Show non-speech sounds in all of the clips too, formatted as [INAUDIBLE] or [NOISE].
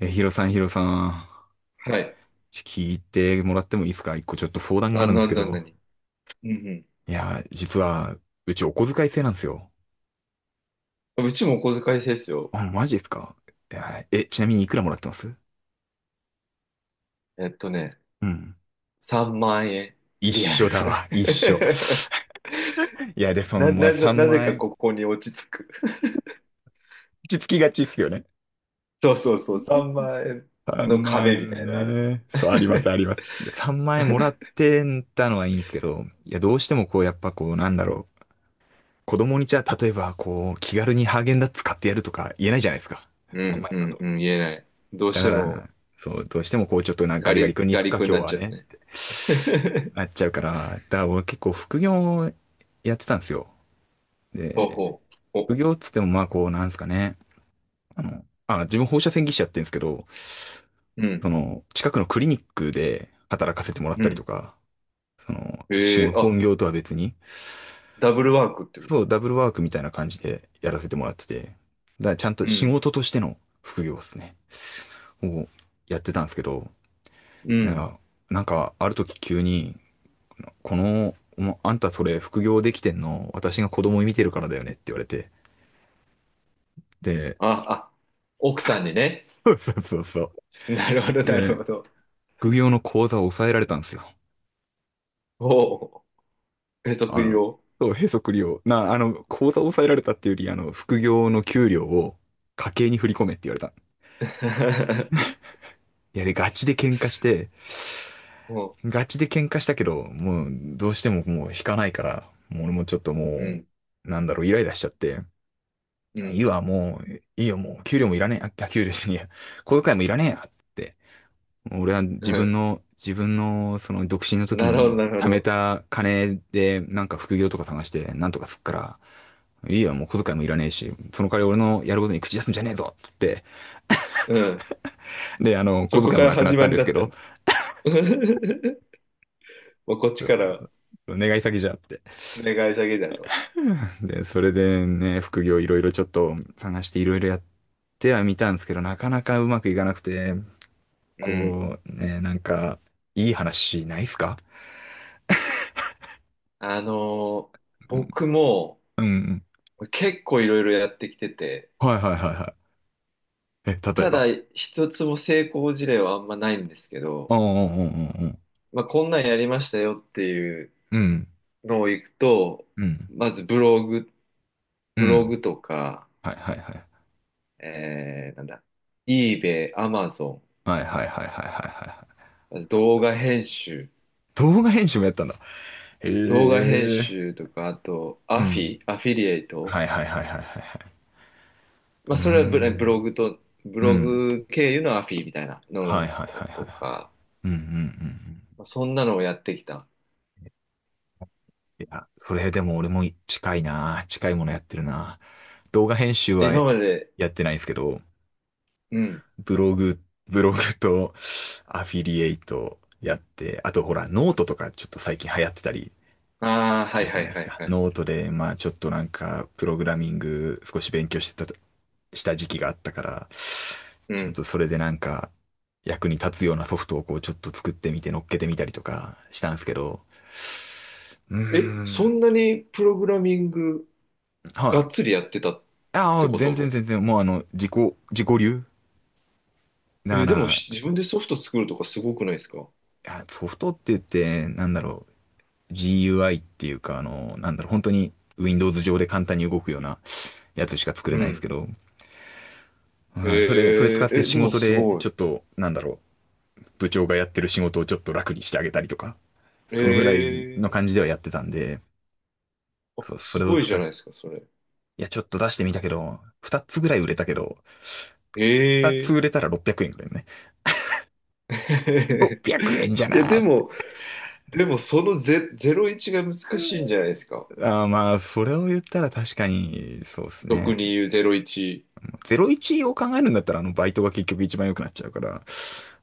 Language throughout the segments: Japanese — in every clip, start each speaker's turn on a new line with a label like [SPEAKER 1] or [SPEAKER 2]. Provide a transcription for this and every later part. [SPEAKER 1] ヒロさん、ヒロさん、
[SPEAKER 2] はい。
[SPEAKER 1] 聞いてもらってもいいですか？一個ちょっと相談があ
[SPEAKER 2] あ、
[SPEAKER 1] るんですけど。
[SPEAKER 2] なに。うん
[SPEAKER 1] いや、実は、うちお小遣い制なんですよ。
[SPEAKER 2] うん。うちもお小遣い制ですよ。
[SPEAKER 1] あ、マジですか？いや、え、ちなみにいくらもらってます？
[SPEAKER 2] ね、
[SPEAKER 1] うん。
[SPEAKER 2] 3万円。
[SPEAKER 1] 一
[SPEAKER 2] リア
[SPEAKER 1] 緒
[SPEAKER 2] ル。
[SPEAKER 1] だわ、一緒。[LAUGHS] いや、で、
[SPEAKER 2] [LAUGHS]
[SPEAKER 1] その、まあ、3
[SPEAKER 2] なぜ
[SPEAKER 1] 万
[SPEAKER 2] か
[SPEAKER 1] 円。
[SPEAKER 2] ここに落ち着く。[LAUGHS]
[SPEAKER 1] 落ち着きがちっすよね。
[SPEAKER 2] そうそうそう、3万円
[SPEAKER 1] 3
[SPEAKER 2] の
[SPEAKER 1] 万
[SPEAKER 2] 壁みた
[SPEAKER 1] 円
[SPEAKER 2] いなのあるんです
[SPEAKER 1] ね。そう、あります、
[SPEAKER 2] ね。
[SPEAKER 1] あります。で、3万円もらってたのはいいんですけど、いや、どうしてもこう、やっぱこう、なんだろう。子供にじゃあ、例えば、こう、気軽にハーゲンダッツ買ってやるとか言えないじゃないですか。
[SPEAKER 2] [LAUGHS] う
[SPEAKER 1] 3
[SPEAKER 2] ん
[SPEAKER 1] 万円
[SPEAKER 2] う
[SPEAKER 1] だ
[SPEAKER 2] ん
[SPEAKER 1] と。
[SPEAKER 2] うん、言えない。どう
[SPEAKER 1] だ
[SPEAKER 2] し
[SPEAKER 1] か
[SPEAKER 2] ても
[SPEAKER 1] ら、そう、どうしてもこう、ちょっとなんか
[SPEAKER 2] ガ
[SPEAKER 1] ガリガリ
[SPEAKER 2] リ
[SPEAKER 1] 君に
[SPEAKER 2] ガ
[SPEAKER 1] 行く
[SPEAKER 2] リ
[SPEAKER 1] か、
[SPEAKER 2] 君に
[SPEAKER 1] 今
[SPEAKER 2] な
[SPEAKER 1] 日
[SPEAKER 2] っ
[SPEAKER 1] は
[SPEAKER 2] ちゃう
[SPEAKER 1] ね、っ
[SPEAKER 2] ね。
[SPEAKER 1] てなっ
[SPEAKER 2] [LAUGHS]
[SPEAKER 1] ちゃうから、だから俺結構副業やってたんですよ。
[SPEAKER 2] ほう
[SPEAKER 1] で、
[SPEAKER 2] ほう。
[SPEAKER 1] 副業っつってもまあこう、なんですかね。あの、自分放射線技師やってるんですけど、
[SPEAKER 2] うん、
[SPEAKER 1] その、近くのクリニックで働かせてもらっ
[SPEAKER 2] う
[SPEAKER 1] たりと
[SPEAKER 2] ん。
[SPEAKER 1] か、その、仕
[SPEAKER 2] ええ
[SPEAKER 1] 事、
[SPEAKER 2] あ、
[SPEAKER 1] 本業とは別に、
[SPEAKER 2] ダブルワークってこと。
[SPEAKER 1] そう、ダブルワークみたいな感じでやらせてもらってて、だからちゃんと
[SPEAKER 2] う
[SPEAKER 1] 仕
[SPEAKER 2] ん、
[SPEAKER 1] 事としての副業ですね、をやってたんですけど、
[SPEAKER 2] う
[SPEAKER 1] い
[SPEAKER 2] ん。
[SPEAKER 1] や、なんかある時急に、この、お、あんたそれ副業できてんの、私が子供見てるからだよねって言われて、で、
[SPEAKER 2] あ、あ、奥さんにね。
[SPEAKER 1] そうそうそうそ
[SPEAKER 2] なるほど、
[SPEAKER 1] う。
[SPEAKER 2] なる
[SPEAKER 1] で、
[SPEAKER 2] ほど。
[SPEAKER 1] 副業の口座を抑えられたんですよ。
[SPEAKER 2] おへそ
[SPEAKER 1] あ
[SPEAKER 2] くり
[SPEAKER 1] の、
[SPEAKER 2] を。
[SPEAKER 1] そう、へそくりを、あの、口座を抑えられたっていうより、あの、副業の給料を家計に振り込めって言われた。
[SPEAKER 2] [LAUGHS]
[SPEAKER 1] いや、で、ガチで喧嘩して、
[SPEAKER 2] も
[SPEAKER 1] ガチで喧嘩したけど、もうどうしてももう引かないから、もう俺もちょっと
[SPEAKER 2] う、うん、
[SPEAKER 1] なんだろう、イライラしちゃって、
[SPEAKER 2] う
[SPEAKER 1] じゃあい
[SPEAKER 2] ん、
[SPEAKER 1] いわ、もう、いいよ、もう、給料もいらねえ、あ、給料しねえや、小遣いもいらねえや、って。もう俺は
[SPEAKER 2] [LAUGHS] うん。
[SPEAKER 1] 自分の、その、独身の時
[SPEAKER 2] なるほど、
[SPEAKER 1] に
[SPEAKER 2] なるほ
[SPEAKER 1] 貯め
[SPEAKER 2] ど。
[SPEAKER 1] た金で、なんか副業とか探して、なんとかすっから、いいよ、もう小遣いもいらねえし、その代わり俺のやることに口出すんじゃねえぞ、つって。
[SPEAKER 2] うん。
[SPEAKER 1] で、あの、
[SPEAKER 2] そ
[SPEAKER 1] 小
[SPEAKER 2] こ
[SPEAKER 1] 遣い
[SPEAKER 2] か
[SPEAKER 1] も
[SPEAKER 2] ら
[SPEAKER 1] なくなっ
[SPEAKER 2] 始
[SPEAKER 1] た
[SPEAKER 2] ま
[SPEAKER 1] ん
[SPEAKER 2] り
[SPEAKER 1] です
[SPEAKER 2] だ
[SPEAKER 1] け
[SPEAKER 2] った
[SPEAKER 1] ど、
[SPEAKER 2] の。[LAUGHS] もうこっちから
[SPEAKER 1] 願い詐欺じゃって。
[SPEAKER 2] 願い下げだと。
[SPEAKER 1] [LAUGHS] で、それでね、副業いろいろちょっと探していろいろやってはみたんですけど、なかなかうまくいかなくて、
[SPEAKER 2] うん。
[SPEAKER 1] こう、ね、なんか、いい話ないっすか？
[SPEAKER 2] あのー
[SPEAKER 1] うん、
[SPEAKER 2] 僕も
[SPEAKER 1] うん、うん。
[SPEAKER 2] 結構いろいろやってきてて、
[SPEAKER 1] はいはいはいはい。え、例え
[SPEAKER 2] た
[SPEAKER 1] ば。
[SPEAKER 2] だ一つも成功事例はあんまないんですけ
[SPEAKER 1] うん
[SPEAKER 2] ど、
[SPEAKER 1] うんうん
[SPEAKER 2] まあ、こんなんやりましたよっていう
[SPEAKER 1] うんうん。うん、
[SPEAKER 2] のを行くと、
[SPEAKER 1] うん、
[SPEAKER 2] まずブログとか、なんだ、eBay、Amazon、
[SPEAKER 1] はいはいはいはいはいはいはいはいはいはい。
[SPEAKER 2] 動画編集、
[SPEAKER 1] 動画編集もやったんだ。へ
[SPEAKER 2] 動画編
[SPEAKER 1] え。
[SPEAKER 2] 集とか、あと、
[SPEAKER 1] うん。
[SPEAKER 2] アフィリエイト。
[SPEAKER 1] はいはいはいはいはいはい。う
[SPEAKER 2] ま
[SPEAKER 1] ー
[SPEAKER 2] あ、それはブロ
[SPEAKER 1] ん。
[SPEAKER 2] グと、ブ
[SPEAKER 1] う
[SPEAKER 2] ロ
[SPEAKER 1] ん。
[SPEAKER 2] グ経由のアフィみたいな
[SPEAKER 1] は
[SPEAKER 2] の
[SPEAKER 1] いはいはいはいは
[SPEAKER 2] と
[SPEAKER 1] い。
[SPEAKER 2] か、
[SPEAKER 1] うんうんうんうん。
[SPEAKER 2] まあ、そんなのをやってきた。
[SPEAKER 1] いや、それでも俺も近いな。近いものやってるな。動画編集
[SPEAKER 2] え
[SPEAKER 1] は
[SPEAKER 2] 今まで、
[SPEAKER 1] やってないんですけど、
[SPEAKER 2] うん。
[SPEAKER 1] ブログ、ブログとアフィリエイトやって、あとほら、ノートとかちょっと最近流行ってたり
[SPEAKER 2] ああ、は
[SPEAKER 1] す
[SPEAKER 2] い
[SPEAKER 1] るじ
[SPEAKER 2] は
[SPEAKER 1] ゃ
[SPEAKER 2] い
[SPEAKER 1] ないで
[SPEAKER 2] は
[SPEAKER 1] す
[SPEAKER 2] い
[SPEAKER 1] か。
[SPEAKER 2] はい。
[SPEAKER 1] ノートで、まあちょっとなんか、プログラミング少し勉強してた、した時期があったから、
[SPEAKER 2] う
[SPEAKER 1] ちょっ
[SPEAKER 2] ん。
[SPEAKER 1] とそれでなんか、役に立つようなソフトをこうちょっと作ってみて乗っけてみたりとかしたんですけど、うー
[SPEAKER 2] え、そ
[SPEAKER 1] ん、
[SPEAKER 2] んなにプログラミング
[SPEAKER 1] は
[SPEAKER 2] がっ
[SPEAKER 1] い。
[SPEAKER 2] つりやってたっ
[SPEAKER 1] あ
[SPEAKER 2] て
[SPEAKER 1] あ、
[SPEAKER 2] こ
[SPEAKER 1] 全然
[SPEAKER 2] と？
[SPEAKER 1] 全然、もうあの、自己流だか
[SPEAKER 2] え、でも
[SPEAKER 1] ら、
[SPEAKER 2] し自分でソフト作るとかすごくないですか？
[SPEAKER 1] いやソフトって言って、なんだろう、GUI っていうか、あの、なんだろう、本当に Windows 上で簡単に動くようなやつしか作れ
[SPEAKER 2] う
[SPEAKER 1] ないんです
[SPEAKER 2] ん。
[SPEAKER 1] けど、
[SPEAKER 2] え
[SPEAKER 1] まあ、それ使って
[SPEAKER 2] え、
[SPEAKER 1] 仕
[SPEAKER 2] でも
[SPEAKER 1] 事
[SPEAKER 2] す
[SPEAKER 1] で、
[SPEAKER 2] ごい。
[SPEAKER 1] ちょっと、なんだろう、部長がやってる仕事をちょっと楽にしてあげたりとか、そのぐらいの感
[SPEAKER 2] え
[SPEAKER 1] じではやってたんで、
[SPEAKER 2] あ、
[SPEAKER 1] そう、そ
[SPEAKER 2] す
[SPEAKER 1] れを
[SPEAKER 2] ごいじ
[SPEAKER 1] 使
[SPEAKER 2] ゃ
[SPEAKER 1] っ、
[SPEAKER 2] ないですか、それ。
[SPEAKER 1] いや、ちょっと出してみたけど、2つぐらい売れたけど、2
[SPEAKER 2] え
[SPEAKER 1] つ
[SPEAKER 2] え。
[SPEAKER 1] 売れたら600円ぐらいね。
[SPEAKER 2] [LAUGHS]
[SPEAKER 1] 600円じゃ
[SPEAKER 2] いや、
[SPEAKER 1] なー
[SPEAKER 2] で
[SPEAKER 1] って。
[SPEAKER 2] も、その01が難しいんじゃないですか。
[SPEAKER 1] あー、まあ、それを言ったら確かに、そうですね。
[SPEAKER 2] 俗に言う01。
[SPEAKER 1] 01を考えるんだったら、あの、バイトが結局一番良くなっちゃうから、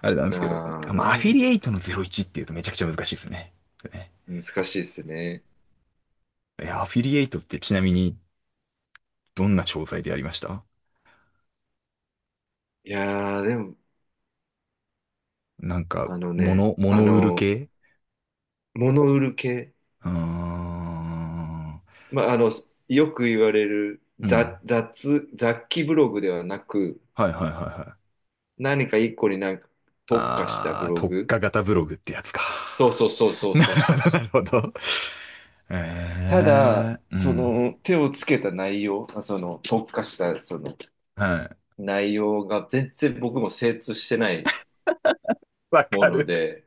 [SPEAKER 1] あれなんですけど、
[SPEAKER 2] ああ
[SPEAKER 1] あ、まあ、アフィ
[SPEAKER 2] ね。
[SPEAKER 1] リエイトの01っていうとめちゃくちゃ難しいですね。ね、
[SPEAKER 2] 難しいですね。
[SPEAKER 1] いや、アフィリエイトってちなみに、どんな商材でやりました？
[SPEAKER 2] いやー、でも、
[SPEAKER 1] なんか、
[SPEAKER 2] あのね、
[SPEAKER 1] 物売る系？
[SPEAKER 2] 物売る系。
[SPEAKER 1] うーん、
[SPEAKER 2] まあ、よく言われる
[SPEAKER 1] うん。
[SPEAKER 2] 雑記ブログではなく、
[SPEAKER 1] はいはいはいはい。
[SPEAKER 2] 何か一個になんか特化したブ
[SPEAKER 1] あー、
[SPEAKER 2] ロ
[SPEAKER 1] 特
[SPEAKER 2] グ。
[SPEAKER 1] 化型ブログってやつか。
[SPEAKER 2] そうそうそうそ
[SPEAKER 1] [LAUGHS]
[SPEAKER 2] う
[SPEAKER 1] な
[SPEAKER 2] そう
[SPEAKER 1] るほ
[SPEAKER 2] そう
[SPEAKER 1] ど、な
[SPEAKER 2] そう。
[SPEAKER 1] るほど。
[SPEAKER 2] た
[SPEAKER 1] え
[SPEAKER 2] だ、
[SPEAKER 1] ー、う
[SPEAKER 2] そ
[SPEAKER 1] ん。
[SPEAKER 2] の手をつけた内容、その特化したその
[SPEAKER 1] はい。
[SPEAKER 2] 内容が全然僕も精通してない
[SPEAKER 1] わ
[SPEAKER 2] も
[SPEAKER 1] か
[SPEAKER 2] の
[SPEAKER 1] る。
[SPEAKER 2] で、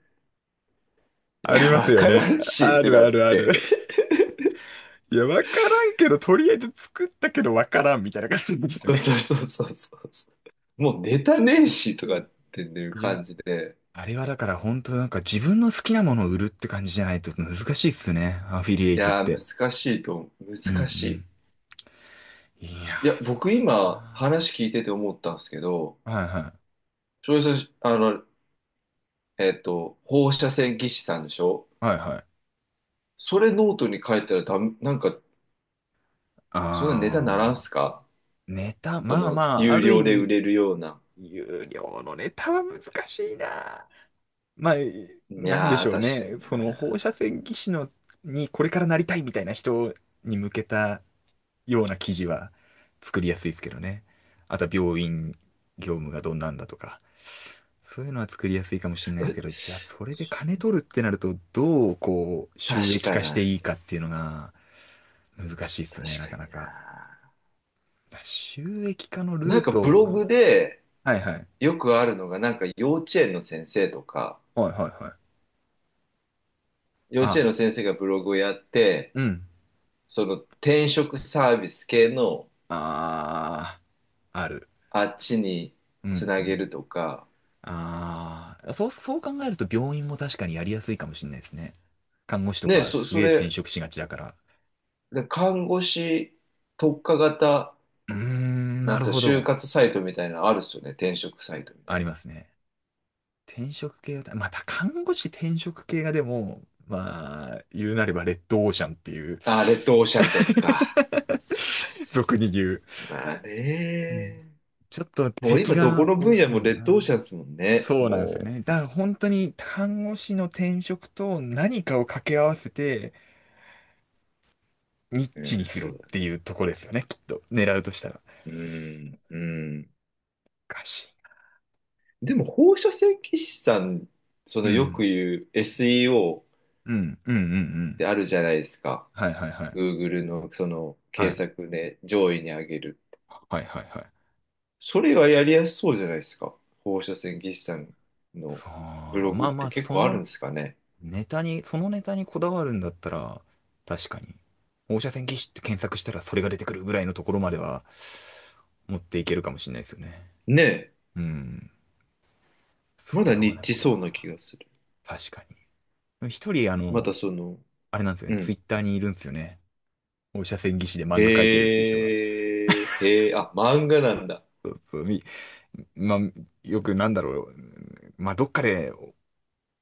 [SPEAKER 2] い
[SPEAKER 1] あり
[SPEAKER 2] や、
[SPEAKER 1] ます
[SPEAKER 2] わ
[SPEAKER 1] よ
[SPEAKER 2] から
[SPEAKER 1] ね。
[SPEAKER 2] んし
[SPEAKER 1] あ
[SPEAKER 2] って
[SPEAKER 1] る
[SPEAKER 2] な
[SPEAKER 1] あ
[SPEAKER 2] っ
[SPEAKER 1] るある。
[SPEAKER 2] て、
[SPEAKER 1] いや、わからんけど、とりあえず作ったけどわからんみたいな感じで
[SPEAKER 2] [LAUGHS]
[SPEAKER 1] すよ
[SPEAKER 2] そう
[SPEAKER 1] ね。
[SPEAKER 2] そうそうそうそう、もうネタねえしと
[SPEAKER 1] う
[SPEAKER 2] か
[SPEAKER 1] ん。
[SPEAKER 2] っていう
[SPEAKER 1] いや、
[SPEAKER 2] 感じで、
[SPEAKER 1] あれはだから本当なんか自分の好きなものを売るって感じじゃないと難しいっすね。アフィリエイ
[SPEAKER 2] い
[SPEAKER 1] トっ
[SPEAKER 2] や
[SPEAKER 1] て。
[SPEAKER 2] ー、難しいと、
[SPEAKER 1] うんう
[SPEAKER 2] 難し
[SPEAKER 1] ん。
[SPEAKER 2] い。
[SPEAKER 1] いや
[SPEAKER 2] いや、
[SPEAKER 1] ー、そ
[SPEAKER 2] 僕
[SPEAKER 1] う
[SPEAKER 2] 今
[SPEAKER 1] だ
[SPEAKER 2] 話聞いてて思ったんですけど、
[SPEAKER 1] な。はいはい。
[SPEAKER 2] 翔平さん、放射線技師さんでしょ？
[SPEAKER 1] はいはい。
[SPEAKER 2] それノートに書いたらダメ、なんか、そんなネタならん
[SPEAKER 1] あ
[SPEAKER 2] すか？
[SPEAKER 1] ー、ネタ、
[SPEAKER 2] そ
[SPEAKER 1] まあま
[SPEAKER 2] の、
[SPEAKER 1] あ、あ
[SPEAKER 2] 有
[SPEAKER 1] る
[SPEAKER 2] 料
[SPEAKER 1] 意
[SPEAKER 2] で売
[SPEAKER 1] 味、
[SPEAKER 2] れるような。
[SPEAKER 1] 有料のネタは難しいな。まあ、
[SPEAKER 2] い
[SPEAKER 1] なんで
[SPEAKER 2] や
[SPEAKER 1] し
[SPEAKER 2] ー、
[SPEAKER 1] ょう
[SPEAKER 2] 確か
[SPEAKER 1] ね。
[SPEAKER 2] に
[SPEAKER 1] その
[SPEAKER 2] な。
[SPEAKER 1] 放射線技師のにこれからなりたいみたいな人に向けたような記事は作りやすいですけどね。あとは病院業務がどんなんだとか。そういうのは作りやすいかもしれないです
[SPEAKER 2] え
[SPEAKER 1] けど、じゃあそれで
[SPEAKER 2] それ
[SPEAKER 1] 金
[SPEAKER 2] で
[SPEAKER 1] 取るってなると、どうこう収
[SPEAKER 2] 確
[SPEAKER 1] 益
[SPEAKER 2] か
[SPEAKER 1] 化して
[SPEAKER 2] な、
[SPEAKER 1] いいかっていうのが難しいですよ
[SPEAKER 2] 確
[SPEAKER 1] ね、な
[SPEAKER 2] か
[SPEAKER 1] かな
[SPEAKER 2] に
[SPEAKER 1] か。
[SPEAKER 2] な。
[SPEAKER 1] 収益化の
[SPEAKER 2] な
[SPEAKER 1] ル
[SPEAKER 2] ん
[SPEAKER 1] ー
[SPEAKER 2] か
[SPEAKER 1] ト
[SPEAKER 2] ブ
[SPEAKER 1] を
[SPEAKER 2] ロ
[SPEAKER 1] な。
[SPEAKER 2] グで
[SPEAKER 1] はいはい。
[SPEAKER 2] よくあるのが、なんか幼稚園の先生とか、
[SPEAKER 1] はいはいはい。
[SPEAKER 2] 幼稚
[SPEAKER 1] あ、
[SPEAKER 2] 園の先生がブログをやって、
[SPEAKER 1] うん。
[SPEAKER 2] その転職サービス系の
[SPEAKER 1] あー、ある。
[SPEAKER 2] あっちに
[SPEAKER 1] う
[SPEAKER 2] つなげ
[SPEAKER 1] ん。
[SPEAKER 2] るとか、
[SPEAKER 1] ああ、そう、そう考えると病院も確かにやりやすいかもしれないですね。看護師と
[SPEAKER 2] ね、
[SPEAKER 1] かす
[SPEAKER 2] そ
[SPEAKER 1] げえ転
[SPEAKER 2] れ、
[SPEAKER 1] 職しがちだから。
[SPEAKER 2] 看護師特化型、
[SPEAKER 1] うーん、
[SPEAKER 2] な
[SPEAKER 1] な
[SPEAKER 2] んす
[SPEAKER 1] る
[SPEAKER 2] か、
[SPEAKER 1] ほ
[SPEAKER 2] 就
[SPEAKER 1] ど。
[SPEAKER 2] 活サイトみたいなのあるっすよね、転職サイトみた
[SPEAKER 1] あり
[SPEAKER 2] い
[SPEAKER 1] ますね。転職系は、また看護師転職系がでも、まあ、言うなればレッドオーシャンっていう。
[SPEAKER 2] な。あ、レッドオーシャンってやつか。
[SPEAKER 1] [LAUGHS] 俗に言う。
[SPEAKER 2] まあ
[SPEAKER 1] うん。
[SPEAKER 2] ね。
[SPEAKER 1] ちょっと
[SPEAKER 2] もう
[SPEAKER 1] 敵
[SPEAKER 2] 今どこ
[SPEAKER 1] が
[SPEAKER 2] の
[SPEAKER 1] 多
[SPEAKER 2] 分野
[SPEAKER 1] すぎ
[SPEAKER 2] も
[SPEAKER 1] る
[SPEAKER 2] レッドオーシ
[SPEAKER 1] な。
[SPEAKER 2] ャンですもんね。
[SPEAKER 1] そうなんですよ
[SPEAKER 2] も
[SPEAKER 1] ね。だから本当に看護師の転職と何かを掛け合わせて、ニッ
[SPEAKER 2] う、
[SPEAKER 1] チに
[SPEAKER 2] うん
[SPEAKER 1] す
[SPEAKER 2] そ
[SPEAKER 1] るっ
[SPEAKER 2] うだ。
[SPEAKER 1] ていうとこですよね、きっと。狙うとしたら。
[SPEAKER 2] うん、うん。
[SPEAKER 1] おかしい。
[SPEAKER 2] でも放射線技師さん、そ
[SPEAKER 1] う
[SPEAKER 2] のよく
[SPEAKER 1] ん。
[SPEAKER 2] 言う SEO
[SPEAKER 1] うん。うん。うん。う
[SPEAKER 2] って
[SPEAKER 1] ん。
[SPEAKER 2] あるじゃないですか。
[SPEAKER 1] はいはいはい。
[SPEAKER 2] Google のその
[SPEAKER 1] は
[SPEAKER 2] 検
[SPEAKER 1] い。
[SPEAKER 2] 索で上位に上げる。
[SPEAKER 1] はいはいはい。
[SPEAKER 2] それはやりやすそうじゃないですか。放射線技師さんの
[SPEAKER 1] そ
[SPEAKER 2] ブ
[SPEAKER 1] う。
[SPEAKER 2] ロ
[SPEAKER 1] ま
[SPEAKER 2] グっ
[SPEAKER 1] あま
[SPEAKER 2] て
[SPEAKER 1] あ、
[SPEAKER 2] 結構あるんですかね。
[SPEAKER 1] そのネタにこだわるんだったら、確かに。放射線技師って検索したらそれが出てくるぐらいのところまでは、持っていけるかもしれないですよね。
[SPEAKER 2] ねえ。
[SPEAKER 1] うん。
[SPEAKER 2] ま
[SPEAKER 1] それ
[SPEAKER 2] だニ
[SPEAKER 1] をで
[SPEAKER 2] ッチ
[SPEAKER 1] も
[SPEAKER 2] そうな気
[SPEAKER 1] な、
[SPEAKER 2] がする。
[SPEAKER 1] 確かに。一人、あ
[SPEAKER 2] また
[SPEAKER 1] の、
[SPEAKER 2] その、
[SPEAKER 1] あれなんですよ
[SPEAKER 2] う
[SPEAKER 1] ね。ツイ
[SPEAKER 2] ん。
[SPEAKER 1] ッターにいるんですよね。放射線技師で漫画描いてるって
[SPEAKER 2] へ
[SPEAKER 1] いう人が。
[SPEAKER 2] え、へえ、あ、漫画なんだ。
[SPEAKER 1] そうそうみまあ、よくなんだろう。まあ、どっかで、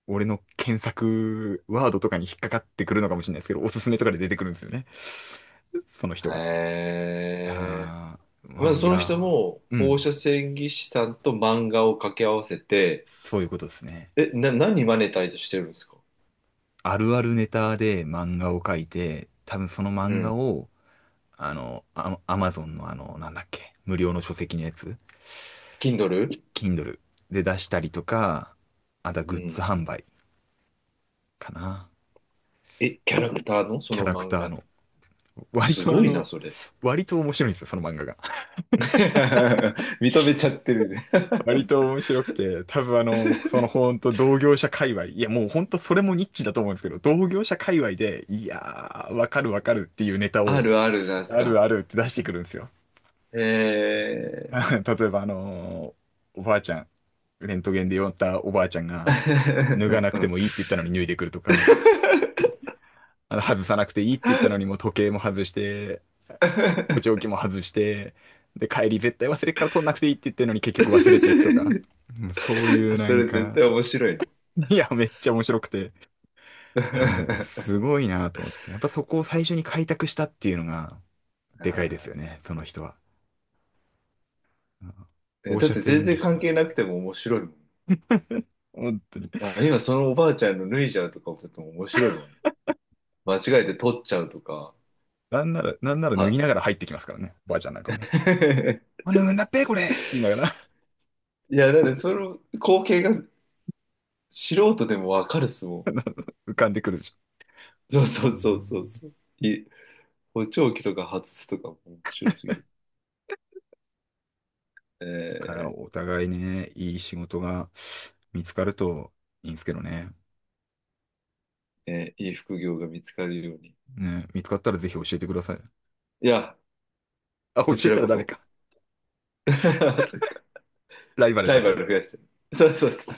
[SPEAKER 1] 俺の検索ワードとかに引っかかってくるのかもしれないですけど、おすすめとかで出てくるんですよね。その
[SPEAKER 2] へ
[SPEAKER 1] 人が。
[SPEAKER 2] え。
[SPEAKER 1] ああ、まあ、
[SPEAKER 2] まず
[SPEAKER 1] い
[SPEAKER 2] そ
[SPEAKER 1] や
[SPEAKER 2] の人も
[SPEAKER 1] ー、う
[SPEAKER 2] 放
[SPEAKER 1] ん。
[SPEAKER 2] 射線技師さんと漫画を掛け合わせて、
[SPEAKER 1] そういうことですね。
[SPEAKER 2] え、何マネタイズしてるんですか？
[SPEAKER 1] あるあるネタで漫画を描いて、多分その
[SPEAKER 2] う
[SPEAKER 1] 漫画
[SPEAKER 2] ん。
[SPEAKER 1] を、あの、アマゾンのあの、なんだっけ、無料の書籍のやつ、
[SPEAKER 2] Kindle？
[SPEAKER 1] Kindle で出したりとか、あとはグ
[SPEAKER 2] う
[SPEAKER 1] ッズ
[SPEAKER 2] ん。
[SPEAKER 1] 販売かな。
[SPEAKER 2] え、キャラクターのそ
[SPEAKER 1] キャ
[SPEAKER 2] の
[SPEAKER 1] ラク
[SPEAKER 2] 漫
[SPEAKER 1] ター
[SPEAKER 2] 画の。
[SPEAKER 1] の割
[SPEAKER 2] す
[SPEAKER 1] とあ
[SPEAKER 2] ごいな、
[SPEAKER 1] の、
[SPEAKER 2] それ。
[SPEAKER 1] 割と面白いんですよ、その漫画が。[LAUGHS]
[SPEAKER 2] [LAUGHS] 認めちゃってるね。
[SPEAKER 1] 割と面白くて、多分あの、そのほんと同業者界隈、いやもうほんとそれもニッチだと思うんですけど、同業者界隈で、いやー、わかるわかるっていうネタ
[SPEAKER 2] [LAUGHS] あ
[SPEAKER 1] を、
[SPEAKER 2] るあるなんです
[SPEAKER 1] あ
[SPEAKER 2] か。
[SPEAKER 1] るあるって出してくるんですよ。
[SPEAKER 2] へ
[SPEAKER 1] [LAUGHS]
[SPEAKER 2] え。
[SPEAKER 1] 例えばあのー、おばあちゃん、レントゲンで呼んだおばあちゃん
[SPEAKER 2] [LAUGHS]
[SPEAKER 1] が、脱
[SPEAKER 2] う
[SPEAKER 1] が
[SPEAKER 2] ん
[SPEAKER 1] なく
[SPEAKER 2] う
[SPEAKER 1] て
[SPEAKER 2] ん。
[SPEAKER 1] もいいって言ったのに脱いでくるとか、あの、外さなくていいって言ったのにもう時計も外して、補聴器も外して、で、帰り絶対忘れっから取んなくていいって言ってるのに結局忘れていくとか。うん、そう
[SPEAKER 2] [LAUGHS]。
[SPEAKER 1] いうな
[SPEAKER 2] そ
[SPEAKER 1] ん
[SPEAKER 2] れ絶
[SPEAKER 1] か、
[SPEAKER 2] 対面白い
[SPEAKER 1] いや、めっちゃ面白くて、あー
[SPEAKER 2] な。
[SPEAKER 1] すごいなと思って。やっぱそこを最初に開拓したっていうのが、
[SPEAKER 2] [LAUGHS]
[SPEAKER 1] でかいです
[SPEAKER 2] あ
[SPEAKER 1] よね、
[SPEAKER 2] ー
[SPEAKER 1] その人は。うん。
[SPEAKER 2] ね
[SPEAKER 1] 放
[SPEAKER 2] だっ
[SPEAKER 1] 射
[SPEAKER 2] て全
[SPEAKER 1] 線技
[SPEAKER 2] 然
[SPEAKER 1] 師
[SPEAKER 2] 関
[SPEAKER 1] な。
[SPEAKER 2] 係なくても面白いもん。
[SPEAKER 1] 本当に。
[SPEAKER 2] あ、今そのおばあちゃんの脱いじゃうとかもちょっと面白いもん。間違えて取っちゃうとか。
[SPEAKER 1] なんなら、なんなら脱ぎ
[SPEAKER 2] は。
[SPEAKER 1] ながら入ってきますからね、おばあちゃんなんかはね。
[SPEAKER 2] [LAUGHS]
[SPEAKER 1] あ、脱ぐんだっぺ、これって言いながら。
[SPEAKER 2] いや、だってその光景が素人でもわかるっすもん。
[SPEAKER 1] [LAUGHS] 浮かんでくるでしょ。
[SPEAKER 2] そうそ
[SPEAKER 1] う
[SPEAKER 2] うそう
[SPEAKER 1] ん。
[SPEAKER 2] そうそう。い、補聴器とか外すとかも面白すぎる。え
[SPEAKER 1] から、
[SPEAKER 2] ー
[SPEAKER 1] お互いにね、いい仕事が見つかるといいんですけどね。
[SPEAKER 2] いい副業が見つかるように。
[SPEAKER 1] ね、見つかったらぜひ教えてください。
[SPEAKER 2] いや、
[SPEAKER 1] あ、教
[SPEAKER 2] こち
[SPEAKER 1] え
[SPEAKER 2] ら
[SPEAKER 1] たら
[SPEAKER 2] こ
[SPEAKER 1] ダメ
[SPEAKER 2] そ。
[SPEAKER 1] か。
[SPEAKER 2] [LAUGHS] そっか。
[SPEAKER 1] ライバルに
[SPEAKER 2] ラ
[SPEAKER 1] なっ
[SPEAKER 2] イ
[SPEAKER 1] ち
[SPEAKER 2] バ
[SPEAKER 1] ゃうね。
[SPEAKER 2] ル増やしてる。そうそうそう。